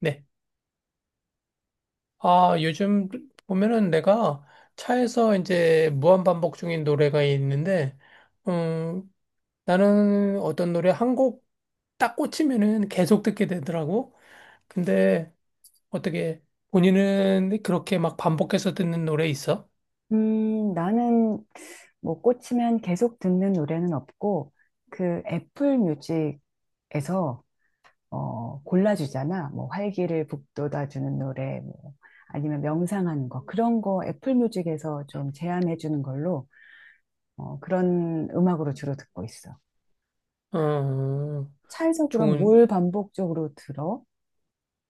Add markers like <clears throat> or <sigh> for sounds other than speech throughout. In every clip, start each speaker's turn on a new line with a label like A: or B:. A: 네. 아, 요즘 보면은 내가 차에서 이제 무한반복 중인 노래가 있는데, 음, 나는 어떤 노래 한 곡 딱 꽂히면은 계속 듣게 되더라고. 근데 어떻게 본인은 그렇게 막 반복해서 듣는 노래 있어?
B: 나는 뭐 꽂히면 계속 듣는 노래는 없고, 그 애플 뮤직에서 골라주잖아. 뭐 활기를 북돋아주는 노래, 뭐 아니면 명상하는 거. 그런 거 애플 뮤직에서 좀 제안해주는 걸로 그런 음악으로 주로 듣고 있어.
A: 어,
B: 차에서 그럼
A: 좋은,
B: 뭘 반복적으로 들어?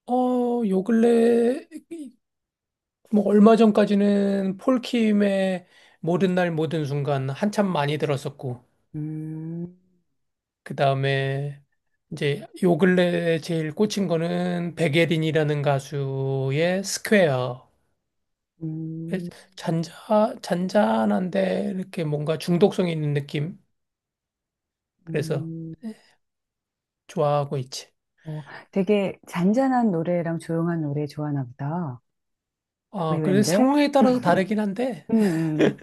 A: 요 근래, 뭐 얼마 전까지는 폴킴의 모든 날 모든 순간 한참 많이 들었었고,
B: 음,
A: 그다음에 이제 요 근래 제일 꽂힌 거는 백예린이라는 가수의 스퀘어.
B: 음,
A: 잔자 잔잔한데 이렇게 뭔가 중독성이 있는 느낌. 그래서
B: 음.
A: 좋아하고 있지.
B: 어, 되게 잔잔한 노래랑 조용한 노래 좋아하나 보다.
A: 아, 그래서
B: 의외인데?
A: 상황에 따라서 다르긴 한데,
B: 음,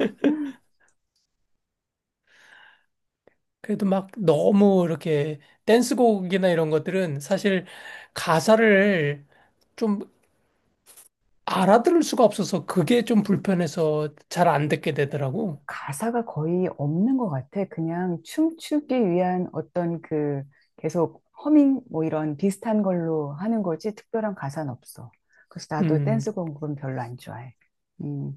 A: 그래도 막 너무 이렇게 댄스곡이나 이런 것들은 사실 가사를 좀 알아들을 수가 없어서 그게 좀 불편해서 잘 안 듣게 되더라고.
B: 가사가 거의 없는 것 같아. 그냥 춤추기 위한 어떤 그 계속 허밍 뭐 이런 비슷한 걸로 하는 거지 특별한 가사는 없어. 그래서 나도
A: 음,
B: 댄스 공부는 별로 안 좋아해. 음,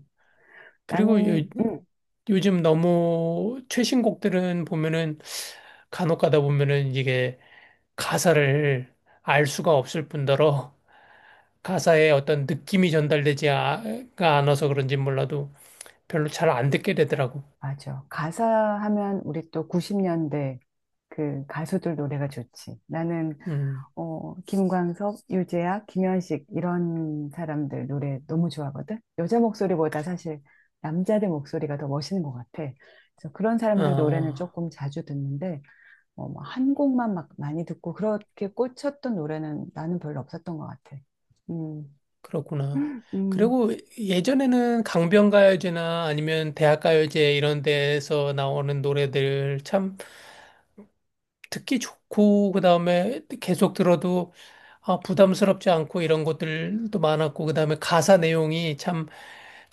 A: 그리고
B: 나는, <clears throat>
A: 요즘 너무 최신 곡들은 보면은 간혹 가다 보면은 이게 가사를 알 수가 없을 뿐더러 가사에 어떤 느낌이 전달되지가 않아서 그런지 몰라도 별로 잘 안 듣게 되더라고.
B: 맞아. 가사 하면 우리 또 90년대 그 가수들 노래가 좋지. 나는
A: 음.
B: 김광석, 유재하, 김현식 이런 사람들 노래 너무 좋아하거든. 여자 목소리보다 사실 남자들 목소리가 더 멋있는 것 같아. 그래서 그런 사람들 노래는
A: 아,
B: 조금 자주 듣는데 뭐한 곡만 막 많이 듣고 그렇게 꽂혔던 노래는 나는 별로 없었던 것 같아. 음,
A: 그렇구나.
B: 음,
A: 그리고 예전에는 강변가요제나 아니면 대학가요제 이런 데에서 나오는 노래들 참 듣기 좋고, 그 다음에 계속 들어도 아, 부담스럽지 않고 이런 것들도 많았고, 그 다음에 가사 내용이 참,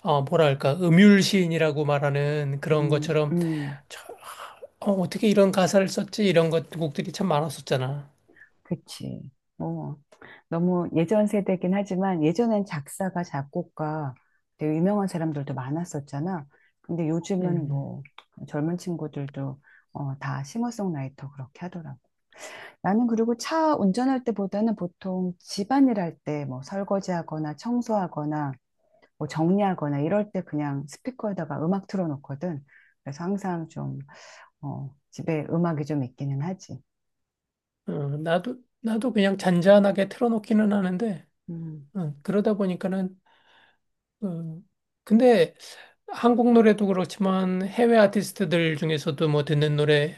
A: 뭐랄까, 음율시인이라고 말하는 그런
B: 음,
A: 것처럼,
B: 음.
A: 참, 어떻게 이런 가사를 썼지? 이런 것, 곡들이 참 많았었잖아.
B: 그치. 어, 너무 예전 세대긴 하지만 예전엔 작사가 작곡가 되게 유명한 사람들도 많았었잖아. 근데 요즘은
A: 음,
B: 뭐 젊은 친구들도 다 싱어송라이터 그렇게 하더라고. 나는 그리고 차 운전할 때보다는 보통 집안일 할 때 뭐 설거지하거나 청소하거나 뭐 정리하거나 이럴 때 그냥 스피커에다가 음악 틀어놓거든. 그래서 항상 좀 집에 음악이 좀 있기는 하지.
A: 어, 나도 그냥 잔잔하게 틀어놓기는 하는데,
B: 음.
A: 그러다 보니까는, 어, 근데 한국 노래도 그렇지만 해외 아티스트들 중에서도 뭐 듣는 노래,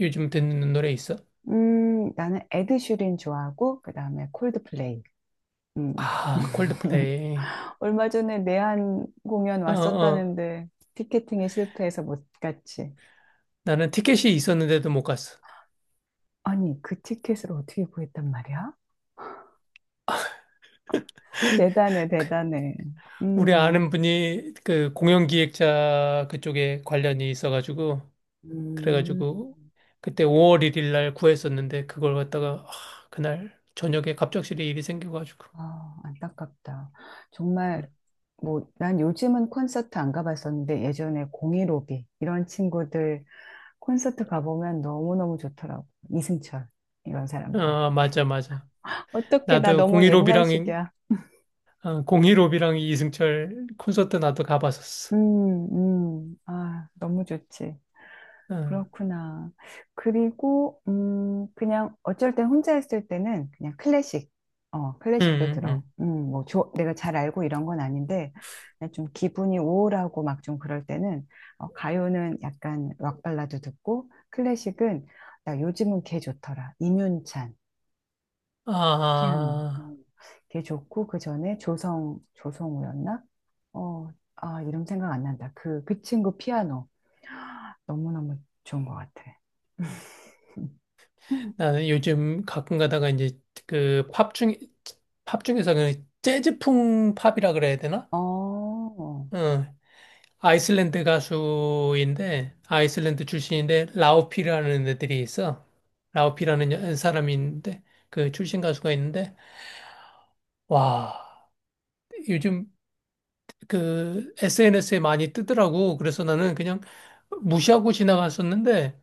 A: 요즘 듣는 노래 있어?
B: 나는 에드슈린 좋아하고 그다음에 콜드플레이. 음. 음.
A: 아,
B: <laughs>
A: 콜드플레이.
B: 얼마 전에 내한 공연
A: 어, 어.
B: 왔었다는데 티켓팅에 실패해서 못 갔지.
A: 나는 티켓이 있었는데도 못 갔어.
B: 아니, 그 티켓을 어떻게 구했단 말이야? <laughs> 대단해, 대단해.
A: 우리
B: 음.
A: 아는 분이 그 공연 기획자 그쪽에 관련이 있어가지고,
B: 음,
A: 그래가지고, 그때 5월 1일 날 구했었는데, 그걸 갖다가, 아, 그날 저녁에 갑작스레 일이 생겨가지고.
B: 아, 안타깝다.
A: 응.
B: 정말, 뭐, 난 요즘은 콘서트 안 가봤었는데, 예전에 공이로비, 이런 친구들 콘서트 가보면 너무너무 좋더라고. 이승철, 이런 사람들.
A: 아, 맞아, 맞아.
B: 어떻게 나
A: 나도
B: 너무
A: 공일오비랑,
B: 옛날식이야.
A: 어, 공일오비랑 이승철 콘서트 나도 가봤었어.
B: 아, 너무 좋지.
A: 응,
B: 그렇구나. 그리고, 그냥 어쩔 땐 혼자 있을 때는 그냥 클래식.
A: 응,
B: 클래식도
A: 응. 응.
B: 들어. 뭐, 내가 잘 알고 이런 건 아닌데, 그냥 좀 기분이 우울하고 막 좀 그럴 때는, 가요는 약간 락 발라드 듣고, 클래식은, 나 요즘은 걔 좋더라. 임윤찬. 피아노.
A: 아.
B: 그게 좋고 그 전에 조성우였나? 어, 아, 이름 생각 안 난다. 그 친구 피아노 너무너무 좋은 것 같아. <laughs>
A: 나는 요즘 가끔 가다가 이제 그 팝 중, 팝 중에서 그 재즈풍 팝이라 그래야 되나?
B: 어,
A: 어, 아이슬란드 가수인데, 아이슬란드 출신인데, 라우피라는 애들이 있어. 라우피라는 사람이 있는데, 그 출신 가수가 있는데, 와, 요즘 그 SNS에 많이 뜨더라고. 그래서 나는 그냥 무시하고 지나갔었는데,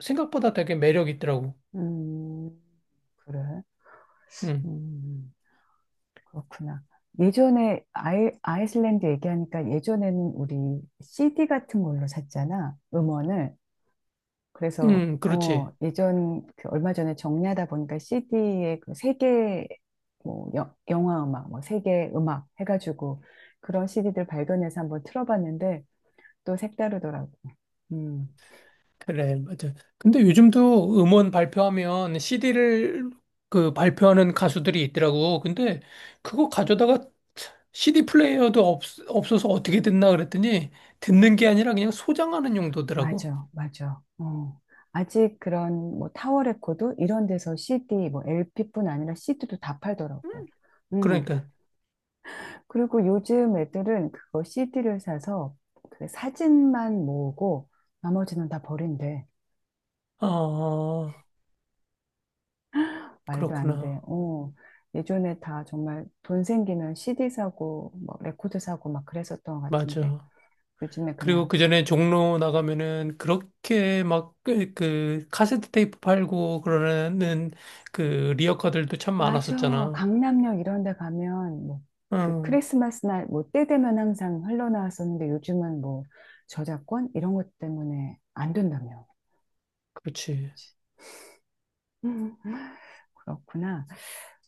A: 생각보다 되게 매력 있더라고.
B: 음, 그래.
A: 응,
B: 음, 그렇구나. 예전에 아이슬란드 얘기하니까 예전에는 우리 CD 같은 걸로 샀잖아, 음원을. 그래서
A: 응, 그렇지.
B: 예전 그 얼마 전에 정리하다 보니까 CD에 그 세계 뭐 영화 음악 뭐 세계 음악 해가지고 그런 CD들 발견해서 한번 틀어봤는데 또 색다르더라고. 음
A: 그래, 맞아. 근데 요즘도 음원 발표하면 CD를 그 발표하는 가수들이 있더라고. 근데 그거 가져다가 CD 플레이어도 없어서 어떻게 듣나 그랬더니 듣는 게 아니라 그냥 소장하는 용도더라고.
B: 맞아 맞아. 아직 그런 뭐 타워 레코드 이런 데서 CD 뭐 LP뿐 아니라 CD도 다 팔더라고. 음
A: 그러니까,
B: 그리고 요즘 애들은 그거 CD를 사서 그 사진만 모으고 나머지는 다 버린대.
A: 아,
B: 말도 안 돼.
A: 그렇구나.
B: 예전에 다 정말 돈 생기면 CD 사고, 뭐 레코드 사고 막 그랬었던 것 같은데,
A: 맞아.
B: 요즘에
A: 그리고
B: 그냥,
A: 그 전에 종로 나가면은 그렇게 막 그 카세트 테이프 팔고 그러는 그 리어카들도 참
B: 맞아.
A: 많았었잖아.
B: 강남역 이런 데 가면, 뭐, 그
A: 응,
B: 크리스마스 날, 뭐, 때 되면 항상 흘러나왔었는데, 요즘은 뭐, 저작권? 이런 것 때문에 안 된다며.
A: 그렇지.
B: 음, 그렇구나.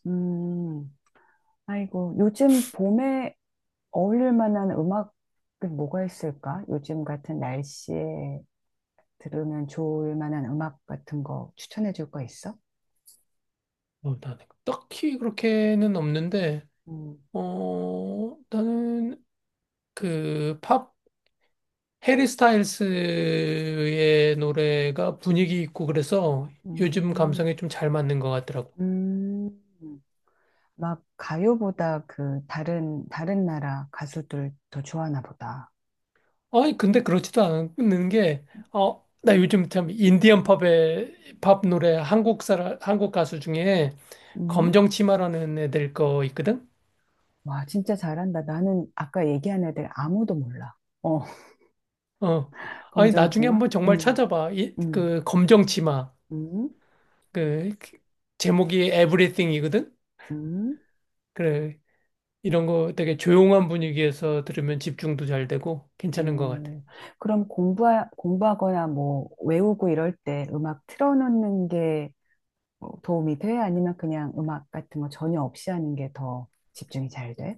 B: 음, 아이고, 요즘 봄에 어울릴 만한 음악은 뭐가 있을까? 요즘 같은 날씨에 들으면 좋을 만한 음악 같은 거 추천해 줄 거 있어?
A: 나는 딱히 그렇게는 없는데,
B: 음,
A: 나는 그 팝, 해리 스타일스의 노래가 분위기 있고 그래서 요즘
B: 음,
A: 감성에 좀 잘 맞는 것 같더라고.
B: 음. 막 가요보다 그 다른 나라 가수들 더 좋아하나 보다.
A: 아니, 근데 그렇지도 않은 게, 나 요즘 참 인디언 팝의 팝 노래 한국 가수 중에
B: 음?
A: 검정 치마라는 애들 거 있거든?
B: 와, 진짜 잘한다. 나는 아까 얘기한 애들 아무도 몰라. 어,
A: 어.
B: <laughs>
A: 아니, 나중에
B: 검정치마?
A: 한번 정말 찾아봐.
B: 음.
A: 그 검정 치마.
B: 음,
A: 그 제목이 Everything이거든.
B: 음.
A: 그래 이런 거 되게 조용한 분위기에서 들으면 집중도 잘 되고 괜찮은 것 같아.
B: 음, 그럼 공부하거나 뭐 외우고 이럴 때 음악 틀어놓는 게 뭐 도움이 돼? 아니면 그냥 음악 같은 거 전혀 없이 하는 게 더 집중이 잘 돼?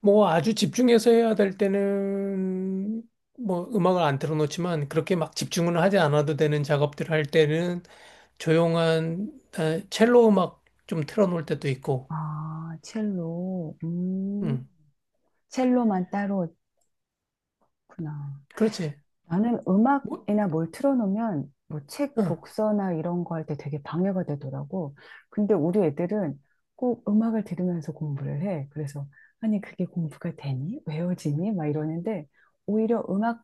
A: 뭐 아주 집중해서 해야 될 때는 뭐 음악을 안 틀어놓지만 그렇게 막 집중은 하지 않아도 되는 작업들 할 때는 조용한 첼로 음악 좀 틀어놓을 때도 있고.
B: 아, 첼로.
A: 음.
B: 첼로만 따로 있구나.
A: 그렇지.
B: 나는
A: 뭐,
B: 음악이나 뭘 틀어놓으면 뭐 책
A: 어.
B: 독서나 이런 거 할 때 되게 방해가 되더라고. 근데 우리 애들은 꼭 음악을 들으면서 공부를 해. 그래서 아니 그게 공부가 되니? 외워지니? 막 이러는데 오히려 음악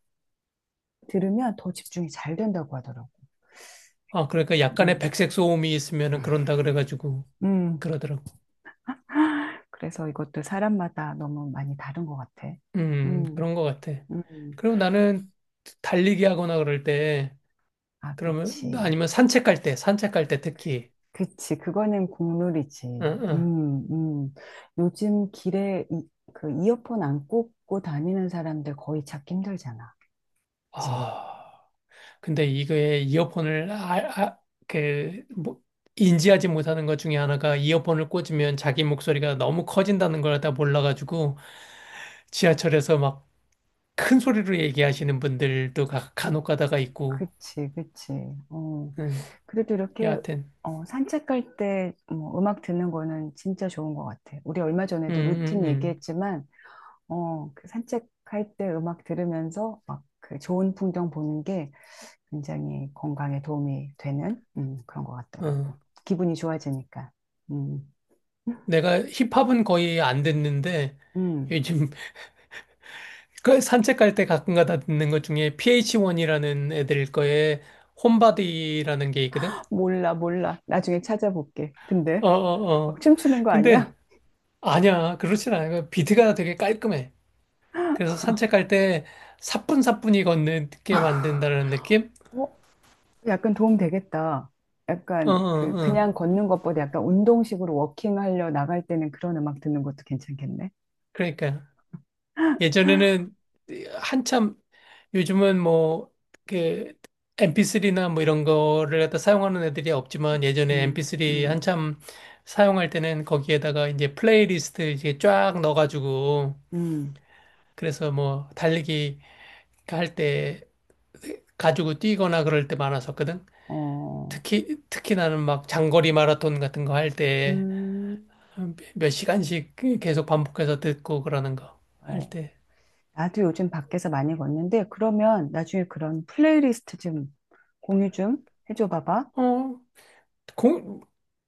B: 들으면 더 집중이 잘 된다고 하더라고.
A: 아 그러니까 약간의
B: 음.
A: 백색 소음이 있으면은 그런다 그래가지고
B: 음.
A: 그러더라고.
B: 그래서 이것도 사람마다 너무 많이 다른 것 같아. 음,
A: 그런 것 같아.
B: 음.
A: 그리고 나는 달리기 하거나 그럴 때,
B: 아,
A: 그러면,
B: 그치.
A: 아니면 산책할 때 특히,
B: 그치. 그거는 국룰이지.
A: 응, 응.
B: 음, 음. 요즘 길에 그 이어폰 안 꽂고 다니는 사람들 거의 찾기 힘들잖아. 그치.
A: 아, 근데 이거에 이어폰을, 아, 그, 뭐, 인지하지 못하는 것 중에 하나가 이어폰을 꽂으면 자기 목소리가 너무 커진다는 걸 다 몰라가지고, 지하철에서 막 큰 소리로 얘기하시는 분들도 간혹 가다가 있고,
B: 그치, 그치. 어.
A: 응,
B: 그래도 이렇게
A: 여하튼,
B: 산책할 때 뭐, 음악 듣는 거는 진짜 좋은 것 같아. 우리 얼마
A: 응,
B: 전에도 루틴
A: 응,
B: 얘기했지만 그 산책할 때 음악 들으면서 막 그 좋은 풍경 보는 게 굉장히 건강에 도움이 되는 그런 것
A: 응.
B: 같더라고. 기분이 좋아지니까. 음,
A: 내가 힙합은 거의 안 듣는데
B: 음.
A: 요즘 <laughs> 그 산책 갈 때 가끔 가다 듣는 것 중에 PH1이라는 애들 거에 홈바디라는 게 있거든.
B: 몰라, 몰라. 나중에 찾아볼게. 근데
A: 어, 어,
B: 막
A: 어.
B: 춤추는 거 아니야?
A: 근데 아니야. 그렇진 않아. 그 비트가 되게 깔끔해. 그래서 산책 갈 때 사뿐사뿐히 걷는 게 만든다는 느낌?
B: 어, 약간 도움 되겠다.
A: 어, 어,
B: 약간 그
A: 어.
B: 그냥 걷는 것보다 약간 운동식으로 워킹하려 나갈 때는 그런 음악 듣는 것도 괜찮겠네.
A: 그러니까 예전에는 한참 요즘은 뭐, 그, MP3나 뭐 이런 거를 갖다 사용하는 애들이 없지만 예전에
B: 음,
A: MP3
B: 음,
A: 한참 사용할 때는 거기에다가 이제 플레이리스트 이제 쫙 넣어가지고
B: 음,
A: 그래서 뭐 달리기 할 때 가지고 뛰거나 그럴 때 많았었거든.
B: 어,
A: 특히 나는 막 장거리 마라톤 같은 거 할 때
B: 음,
A: 몇 시간씩 계속 반복해서 듣고 그러는 거 할
B: 어.
A: 때.
B: 나도 요즘 밖에서 많이 걷는데, 그러면 나중에 그런 플레이리스트 좀 공유 좀 해줘 봐봐.
A: 어, 공,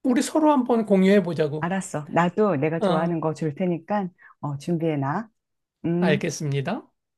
A: 우리 서로 한번 공유해 보자고.
B: 알았어. 나도 내가
A: 어.
B: 좋아하는 거 줄 테니까, 준비해놔. 음.
A: 알겠습니다.